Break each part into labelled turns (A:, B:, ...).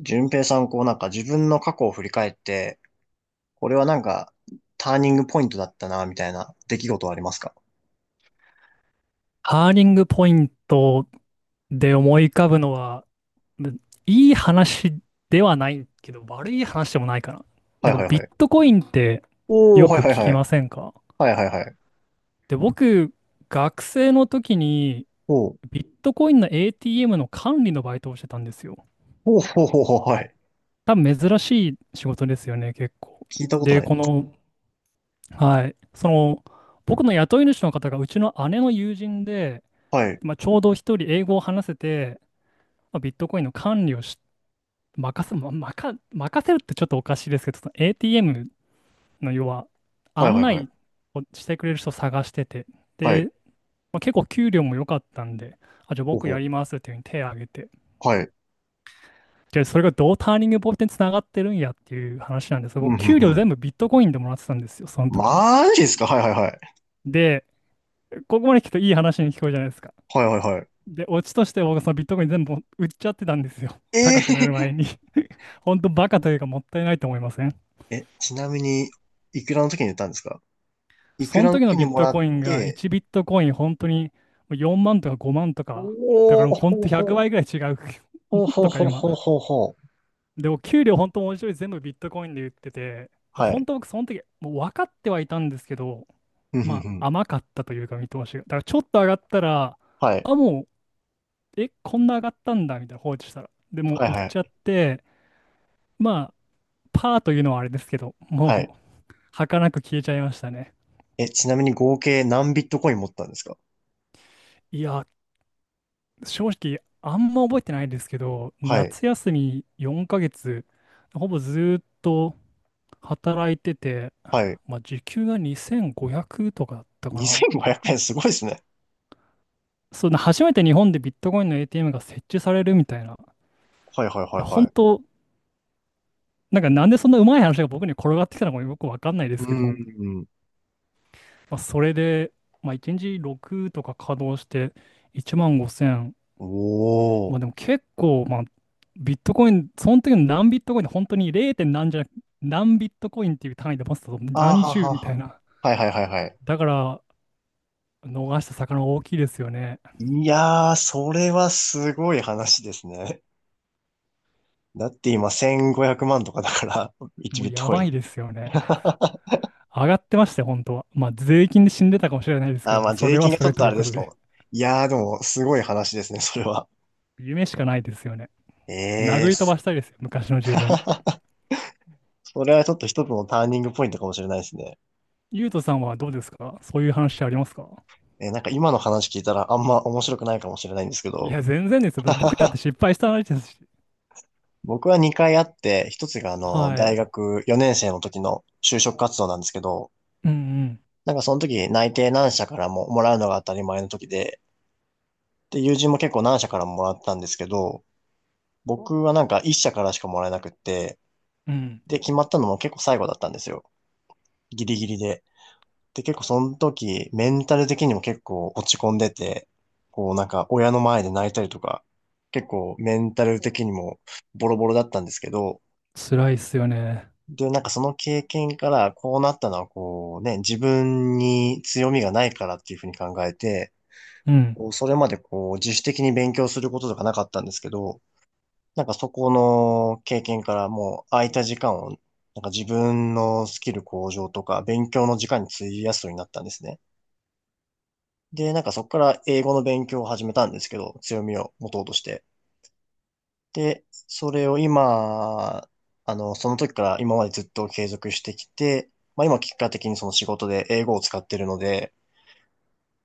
A: 順平さん、こうなんか自分の過去を振り返って、これはなんかターニングポイントだったな、みたいな出来事はありますか？
B: ハーニングポイントで思い浮かぶのは、むいい話ではないけど、悪い話でもないかな。
A: は
B: な
A: い
B: ん
A: は
B: か
A: い
B: ビ
A: は
B: ッ
A: い。
B: トコインって
A: おー、
B: よ
A: は
B: く
A: いはい
B: 聞
A: は
B: き
A: い。
B: ませんか？
A: はいはいはい。
B: で、僕、学生の時に
A: おー、
B: ビットコインの ATM の管理のバイトをしてたんですよ。
A: おー、ほうほうほう、はい。
B: 多分珍しい仕事ですよね、結構。
A: 聞いたこと
B: で、
A: ない。
B: この、はい、その、僕の雇い主の方がうちの姉の友人で、
A: はい、
B: まあ、ちょうど一人英語を話せて、まあ、ビットコインの管理をし、任せるってちょっとおかしいですけど、その ATM の要は
A: はい
B: 案
A: はいはい。
B: 内をしてくれる人を探してて、
A: はい、
B: で、まあ、結構給料も良かったんで、あ、じゃあ
A: ほう
B: 僕や
A: ほ
B: りますっていうふうに手を挙げて、
A: う、はい。
B: で、それがどうターニングポイントにつながってるんやっていう話なんですけど、
A: う
B: 僕、
A: ん、ふん
B: 給
A: ふ
B: 料
A: ん。
B: 全部ビットコインでもらってたんですよ、その時。
A: マジですか？はいはいはい。
B: で、ここまで聞くといい話に聞こえるじゃないですか。
A: はいはいはい。
B: で、オチとして僕、そのビットコイン全部売っちゃってたんですよ。高くなる前
A: え
B: に。本当バカというかもったいないと思いません？
A: え、ちなみに、いくらの時に言ったんですか？いく
B: そ
A: ら
B: の
A: の
B: 時の
A: 時に
B: ビッ
A: も
B: ト
A: らっ
B: コインが
A: て、
B: 1ビットコイン本当に4万とか5万とか、だか
A: お
B: らもう
A: ー、
B: 本
A: ほう
B: 当100
A: ほ
B: 倍ぐ
A: う、
B: らい違う。も
A: ほう
B: っ
A: ほう
B: とか
A: ほうほう
B: 今。
A: ほうほう。
B: でも給料本当文字通り全部ビットコインで言ってて、
A: は
B: 本
A: い。
B: 当僕その時もう分かってはいたんですけど、
A: うん、ふん
B: ま
A: ふん。
B: あ甘かったというか見通しが。だからちょっと上がったら、
A: はい。
B: あ、もう、こんな上がったんだみたいな放置したら。でも
A: はい
B: う売っ
A: は
B: ちゃっ
A: い。
B: て、まあパーというのはあれですけど、
A: は
B: も
A: い。
B: う儚く消えちゃいましたね。
A: え、ちなみに合計何ビットコイン持ったんですか？
B: いや、正直、あんま覚えてないですけど、
A: はい。
B: 夏休み4ヶ月、ほぼずーっと働いてて、
A: はい。
B: まあ、時給が2,500とかだったかな。
A: 2500円すごいですね。
B: そう、初めて日本でビットコインの ATM が設置されるみたいな。
A: はいはい
B: い
A: はい
B: や
A: は
B: 本
A: い。
B: 当、なんかなんでそんなうまい話が僕に転がってきたのかよくわかんないで
A: う
B: すけど、
A: ん。
B: まあ、それで、まあ、1日6とか稼働して、1万。
A: お
B: まあでも
A: ー。
B: 結構、まあ、ビットコイン、その時の何ビットコインで本当に 0. 点何じゃなく、何ビットコインっていう単位で持ってたと
A: あ
B: 何
A: は
B: 十
A: は
B: みたい
A: は。
B: な。
A: はいはいはいはい。
B: だから、逃した魚大きいですよね。
A: いやー、それはすごい話ですね。だって今1500万とかだから、1
B: もう
A: ビット
B: や
A: コイ
B: ば
A: ン。
B: いですよ ね。上がってましたよ、本当は。まあ税金で死んでたかもしれないですけ
A: あ
B: ど、
A: ー、ま
B: まあ
A: あ
B: そ
A: 税
B: れは
A: 金が
B: そ
A: ちょっ
B: れと
A: と
B: い
A: あ
B: う
A: れ
B: こ
A: です
B: と
A: か
B: で。
A: も。いやー、でもすごい話ですね、それは。
B: 夢しかないですよね。
A: え
B: 殴
A: え
B: り飛ばし
A: ー。
B: たいですよ、昔の自分。
A: それはちょっと一つのターニングポイントかもしれないですね。
B: ゆうとさんはどうですか？そういう話ありますか？
A: なんか今の話聞いたらあんま面白くないかもしれないんですけ
B: い
A: ど、
B: や、全然ですよ。僕だって 失敗した話ですし。
A: 僕は2回あって、1つが
B: はい。
A: 大学4年生の時の就職活動なんですけど、
B: うんうん。
A: なんかその時内定何社からももらうのが当たり前の時で、で、友人も結構何社からももらったんですけど、僕はなんか1社からしかもらえなくって、
B: うん。
A: で、決まったのも結構最後だったんですよ。ギリギリで。で、結構その時、メンタル的にも結構落ち込んでて、こうなんか親の前で泣いたりとか、結構メンタル的にもボロボロだったんですけど、
B: 辛いっすよね。
A: で、なんかその経験からこうなったのはこうね、自分に強みがないからっていうふうに考えて、
B: うん。
A: こうそれまでこう自主的に勉強することとかなかったんですけど、なんかそこの経験からもう空いた時間をなんか自分のスキル向上とか勉強の時間に費やすようになったんですね。で、なんかそこから英語の勉強を始めたんですけど、強みを持とうとして。で、それを今、その時から今までずっと継続してきて、まあ今結果的にその仕事で英語を使ってるので、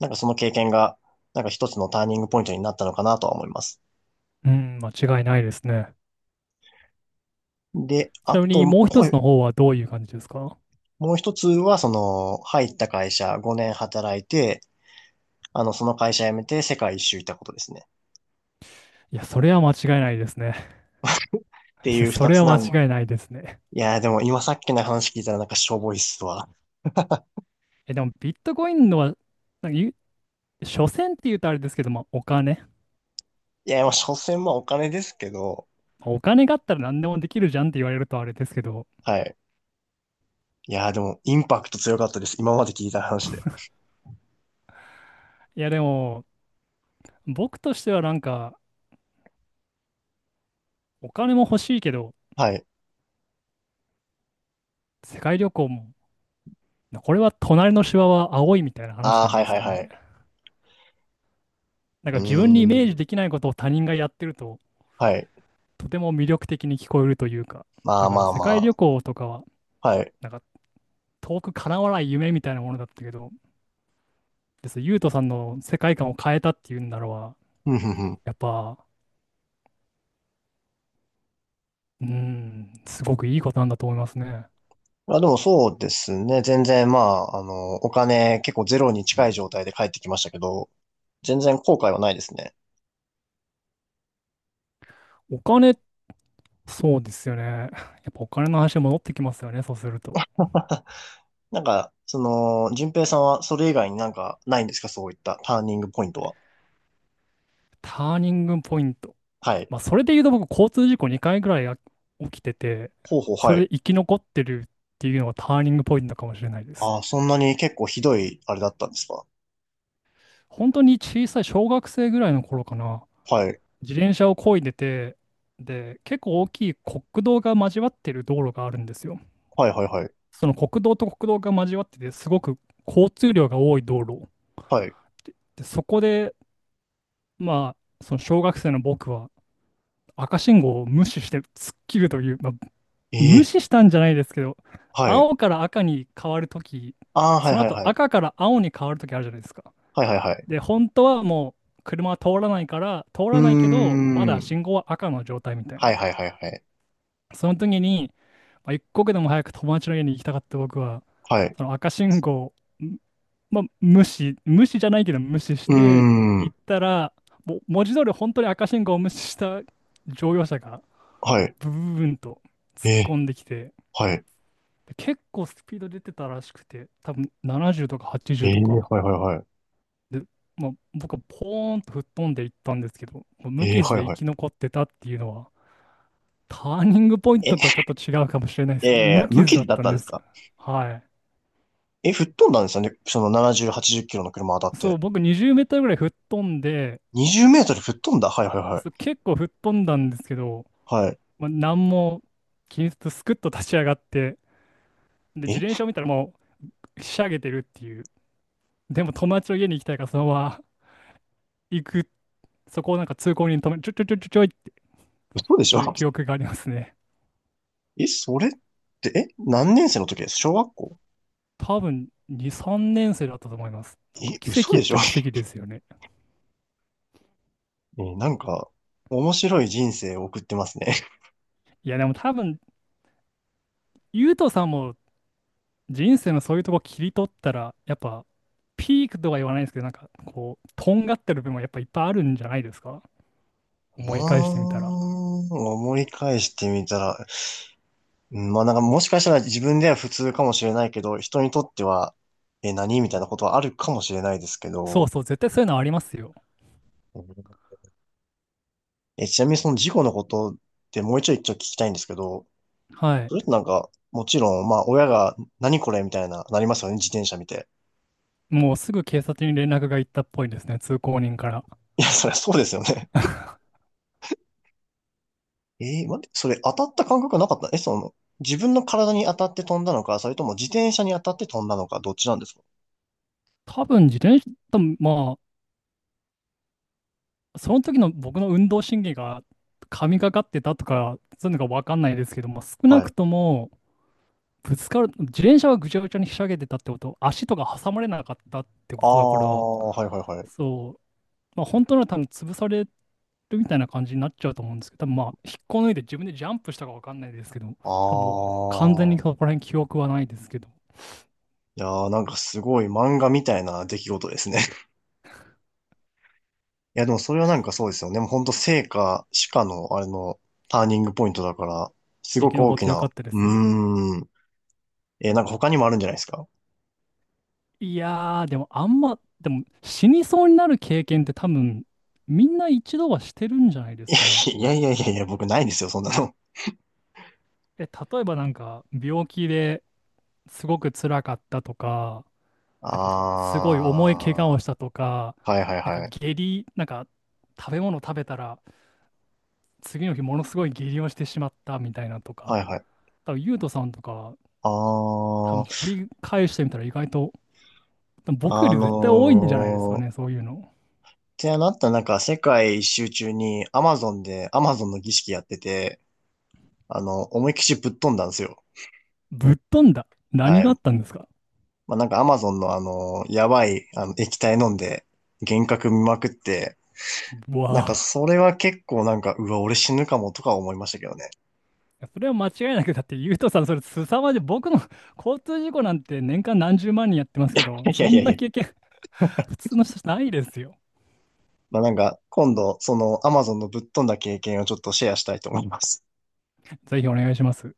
A: なんかその経験が、なんか一つのターニングポイントになったのかなとは思います。
B: うん、間違いないですね。
A: で、
B: ち
A: あ
B: なみに
A: と、
B: もう
A: こ
B: 一つの
A: う
B: 方はどういう感じですか？
A: もう一つは、その、入った会社5年働いて、その会社辞めて世界一周行ったことですね。
B: いや、それは間違いないですね。
A: って
B: い
A: い
B: や、
A: う
B: そ
A: 二
B: れ
A: つ
B: は
A: なん、
B: 間違いないですね。
A: いやーでも今さっきの話聞いたらなんかしょぼいっすわ。
B: え、でもビットコインのは、なんか言う、所詮って言うとあれですけど、まあ、お金。
A: いや、まあ、所詮まあお金ですけど、
B: まあお金があったら何でもできるじゃんって言われるとあれですけど、
A: はい。いや、でも、インパクト強かったです。今まで聞いた話で。
B: いや、でも、僕としてはなんか、お金も欲しいけど、
A: はい。
B: 世界旅行も、これは隣のシワは青いみたいな話
A: ああ、
B: なん
A: はい
B: です
A: はい
B: か
A: は
B: ね。
A: い。
B: なん
A: う
B: か自分にイメー
A: ー
B: ジ
A: ん。
B: できないことを他人がやってると、
A: はい。
B: とても魅力的に聞こえるというか、
A: ま
B: だ
A: あ
B: か
A: ま
B: ら
A: あ
B: 世界旅
A: ま
B: 行とかは、
A: あ。はい。
B: なんか遠く叶わない夢みたいなものだったけど、ゆうとさんの世界観を変えたっていうんならば、
A: ふんふんふん。
B: やっぱ、すごくいいことなんだと思いますね。
A: まあでもそうですね。全然まあ、お金結構ゼロに近い状態で帰ってきましたけど、全然後悔はないですね。
B: お金、そうですよね。やっぱお金の話に戻ってきますよね、そうすると。
A: なんか、その、順平さんはそれ以外になんかないんですか？そういったターニングポイントは。
B: ターニングポイント。
A: はい。
B: まあ、それで言うと僕、交通事故2回ぐらい起きてて、
A: ほうほう、
B: そ
A: は
B: れ
A: い。
B: で生き残ってるっていうのがターニングポイントかもしれないです。
A: ああ、そんなに結構ひどいあれだったんですか？
B: 本当に小さい小学生ぐらいの頃かな。
A: はい。
B: 自転車を漕いでて、で、結構大きい国道が交わってる道路があるんですよ。
A: はいはいはい。
B: その国道と国道が交わってて、すごく交通量が多い道路。
A: はい。
B: でそこで、まあ、その小学生の僕は赤信号を無視して突っ切るという、まあ、
A: え
B: 無
A: え、
B: 視したんじゃないですけど、
A: はい。
B: 青から赤に変わるとき、
A: ああ、は
B: そ
A: い
B: の
A: はい
B: 後
A: はい。
B: 赤から青に変わるときあるじゃないですか。
A: はいはいはい。
B: で、本当はもう車は通らないから、通
A: うー
B: らないけど、まだ
A: ん。
B: 信号は赤の状態みたい
A: はい
B: な。
A: はいはいはい。
B: その時に、まあ、一刻でも早く友達の家に行きたかった僕は、
A: はい。
B: その赤信号を、んまあ、無視、無視じゃないけど無視し
A: うー
B: て行
A: ん。
B: ったら、もう文字通り本当に赤信号を無視した乗用車が
A: はい。
B: ブブブンと
A: え
B: 突っ
A: え、
B: 込んできて、
A: はい。
B: で結構スピード出てたらしくて、多分70とか
A: え
B: 80
A: え、
B: とか。
A: はいはいはい。
B: で、まあ、僕はポーンと吹っ飛んでいったんですけど、もう無
A: ええ、
B: 傷
A: はい
B: で生
A: はい。
B: き残ってたっていうのは、ターニングポイン
A: え、
B: トとはちょっと違うかもしれないで
A: え
B: すけど、
A: え、
B: 無
A: 無
B: 傷だ
A: 傷
B: っ
A: だっ
B: たん
A: たん
B: で
A: です
B: すよ。
A: か？
B: はい。
A: え、吹っ飛んだんですよね。その70、80キロの車当たっ
B: そ
A: て。
B: う、僕20メートルぐらい吹っ飛んで、
A: 20メートル吹っ飛んだ。はいはいは
B: そう結構吹っ飛んだんですけど、
A: い。はい。
B: まあ、何も気にせずスクッと立ち上がって、で、自
A: え、
B: 転車を見たらもうひしゃげてるっていう。でも友達の家に行きたいからそのまま 行く、そこをなんか通行人に止め、ちょちょちょちょちょいって、
A: 嘘でし
B: そ
A: ょ？
B: ういう 記憶がありますね。
A: え、それって、え、何年生の時です？小学校？
B: 多分2、3年生だったと思います。なんか
A: え、
B: 奇
A: 嘘
B: 跡っ
A: でし
B: ち
A: ょ？
B: ゃ奇跡ですよね。
A: え、なんか、面白い人生を送ってますね。
B: いや、でも多分、ゆうとさんも人生のそういうとこ切り取ったら、やっぱ、ピークとは言わないですけど、なんか、こう、とんがってる部分はやっぱいっぱいあるんじゃないですか？
A: あ
B: 思い返してみた
A: ー、
B: ら。
A: 思い返してみたら、うん、まあなんかもしかしたら自分では普通かもしれないけど、人にとっては、え、何みたいなことはあるかもしれないですけ
B: そう
A: ど、
B: そう、絶対そういうのはありますよ。
A: うん。え、ちなみにその事故のことってもう一度一応聞きたいんですけど、
B: はい。
A: それってなんか、もちろん、まあ親が何これみたいな、なりますよね、自転車見て。
B: もうすぐ警察に連絡が行ったっぽいですね、通行人から。
A: いや、そりゃそうですよね。待って、それ当たった感覚なかった？え、その、自分の体に当たって飛んだのか、それとも自転車に当たって飛んだのか、どっちなんですか？
B: 多分自転車、多分まあ、その時の僕の運動神経が神がかってたとか、そういうのが分かんないですけども、少な
A: は
B: く
A: い。
B: とも、ぶつかる、自転車はぐちゃぐちゃにひしゃげてたってこと、足とか挟まれなかったってこ
A: あ
B: とだから、
A: あ、はいはいはい。
B: そうまあ、本当なら多分潰されるみたいな感じになっちゃうと思うんですけど、多分まあ、引っこ抜いて自分でジャンプしたかわかんないですけど、
A: あ
B: 多分もう完全に
A: あ。
B: そこら辺記憶はないですけど、
A: いやーなんかすごい漫画みたいな出来事ですね。いや、でもそれはなんかそうですよね。もうほんと生か死かの、あれの、ターニングポイントだから、す
B: 生
A: ご
B: き
A: く大
B: 残っ
A: き
B: てよ
A: な。
B: かった
A: う
B: です。
A: ーん。なんか他にもあるんじゃないですか？
B: いやー、でもあんま、でも死にそうになる経験って多分、みんな一度はしてるんじゃないですかね。
A: いやいやいやいや、僕ないですよ、そんなの。
B: え、例えばなんか、病気ですごく辛かったとか、なんか、すごい重い怪我をし
A: ああ。
B: たとか、
A: はいはい
B: なんか
A: はい。
B: 下痢、なんか、食べ物食べたら、次の日ものすごい下痢をしてしまったみたいなと
A: は
B: か、
A: いはい。
B: 多分ゆうとさんとか、多
A: あ
B: 分
A: あ。
B: 掘り返してみたら意外と、多分僕より絶対多いんじゃないですか
A: っ
B: ね、そういうの。
A: てなったなんか世界一周中に Amazon で Amazon の儀式やってて、思いっきしぶっ飛んだんですよ。
B: ぶっ飛んだ。
A: は
B: 何が
A: い。
B: あったんですか？
A: まあ、なんかアマゾンのやばい、液体飲んで、幻覚見まくって、
B: う
A: なんか
B: わ
A: それは結構なんか、うわ、俺死ぬかもとか思いましたけどね。
B: ぁ。それは間違いなく、だってゆうとさん、それ凄まじい。僕の 交通事故なんて年間何十万人やってますけど、
A: いや
B: そ
A: いやいや
B: ん
A: い
B: な
A: や。
B: 経験、普通の人じゃないですよ。
A: まあ、なんか、今度、そのアマゾンのぶっ飛んだ経験をちょっとシェアしたいと思います。
B: ぜひお願いします。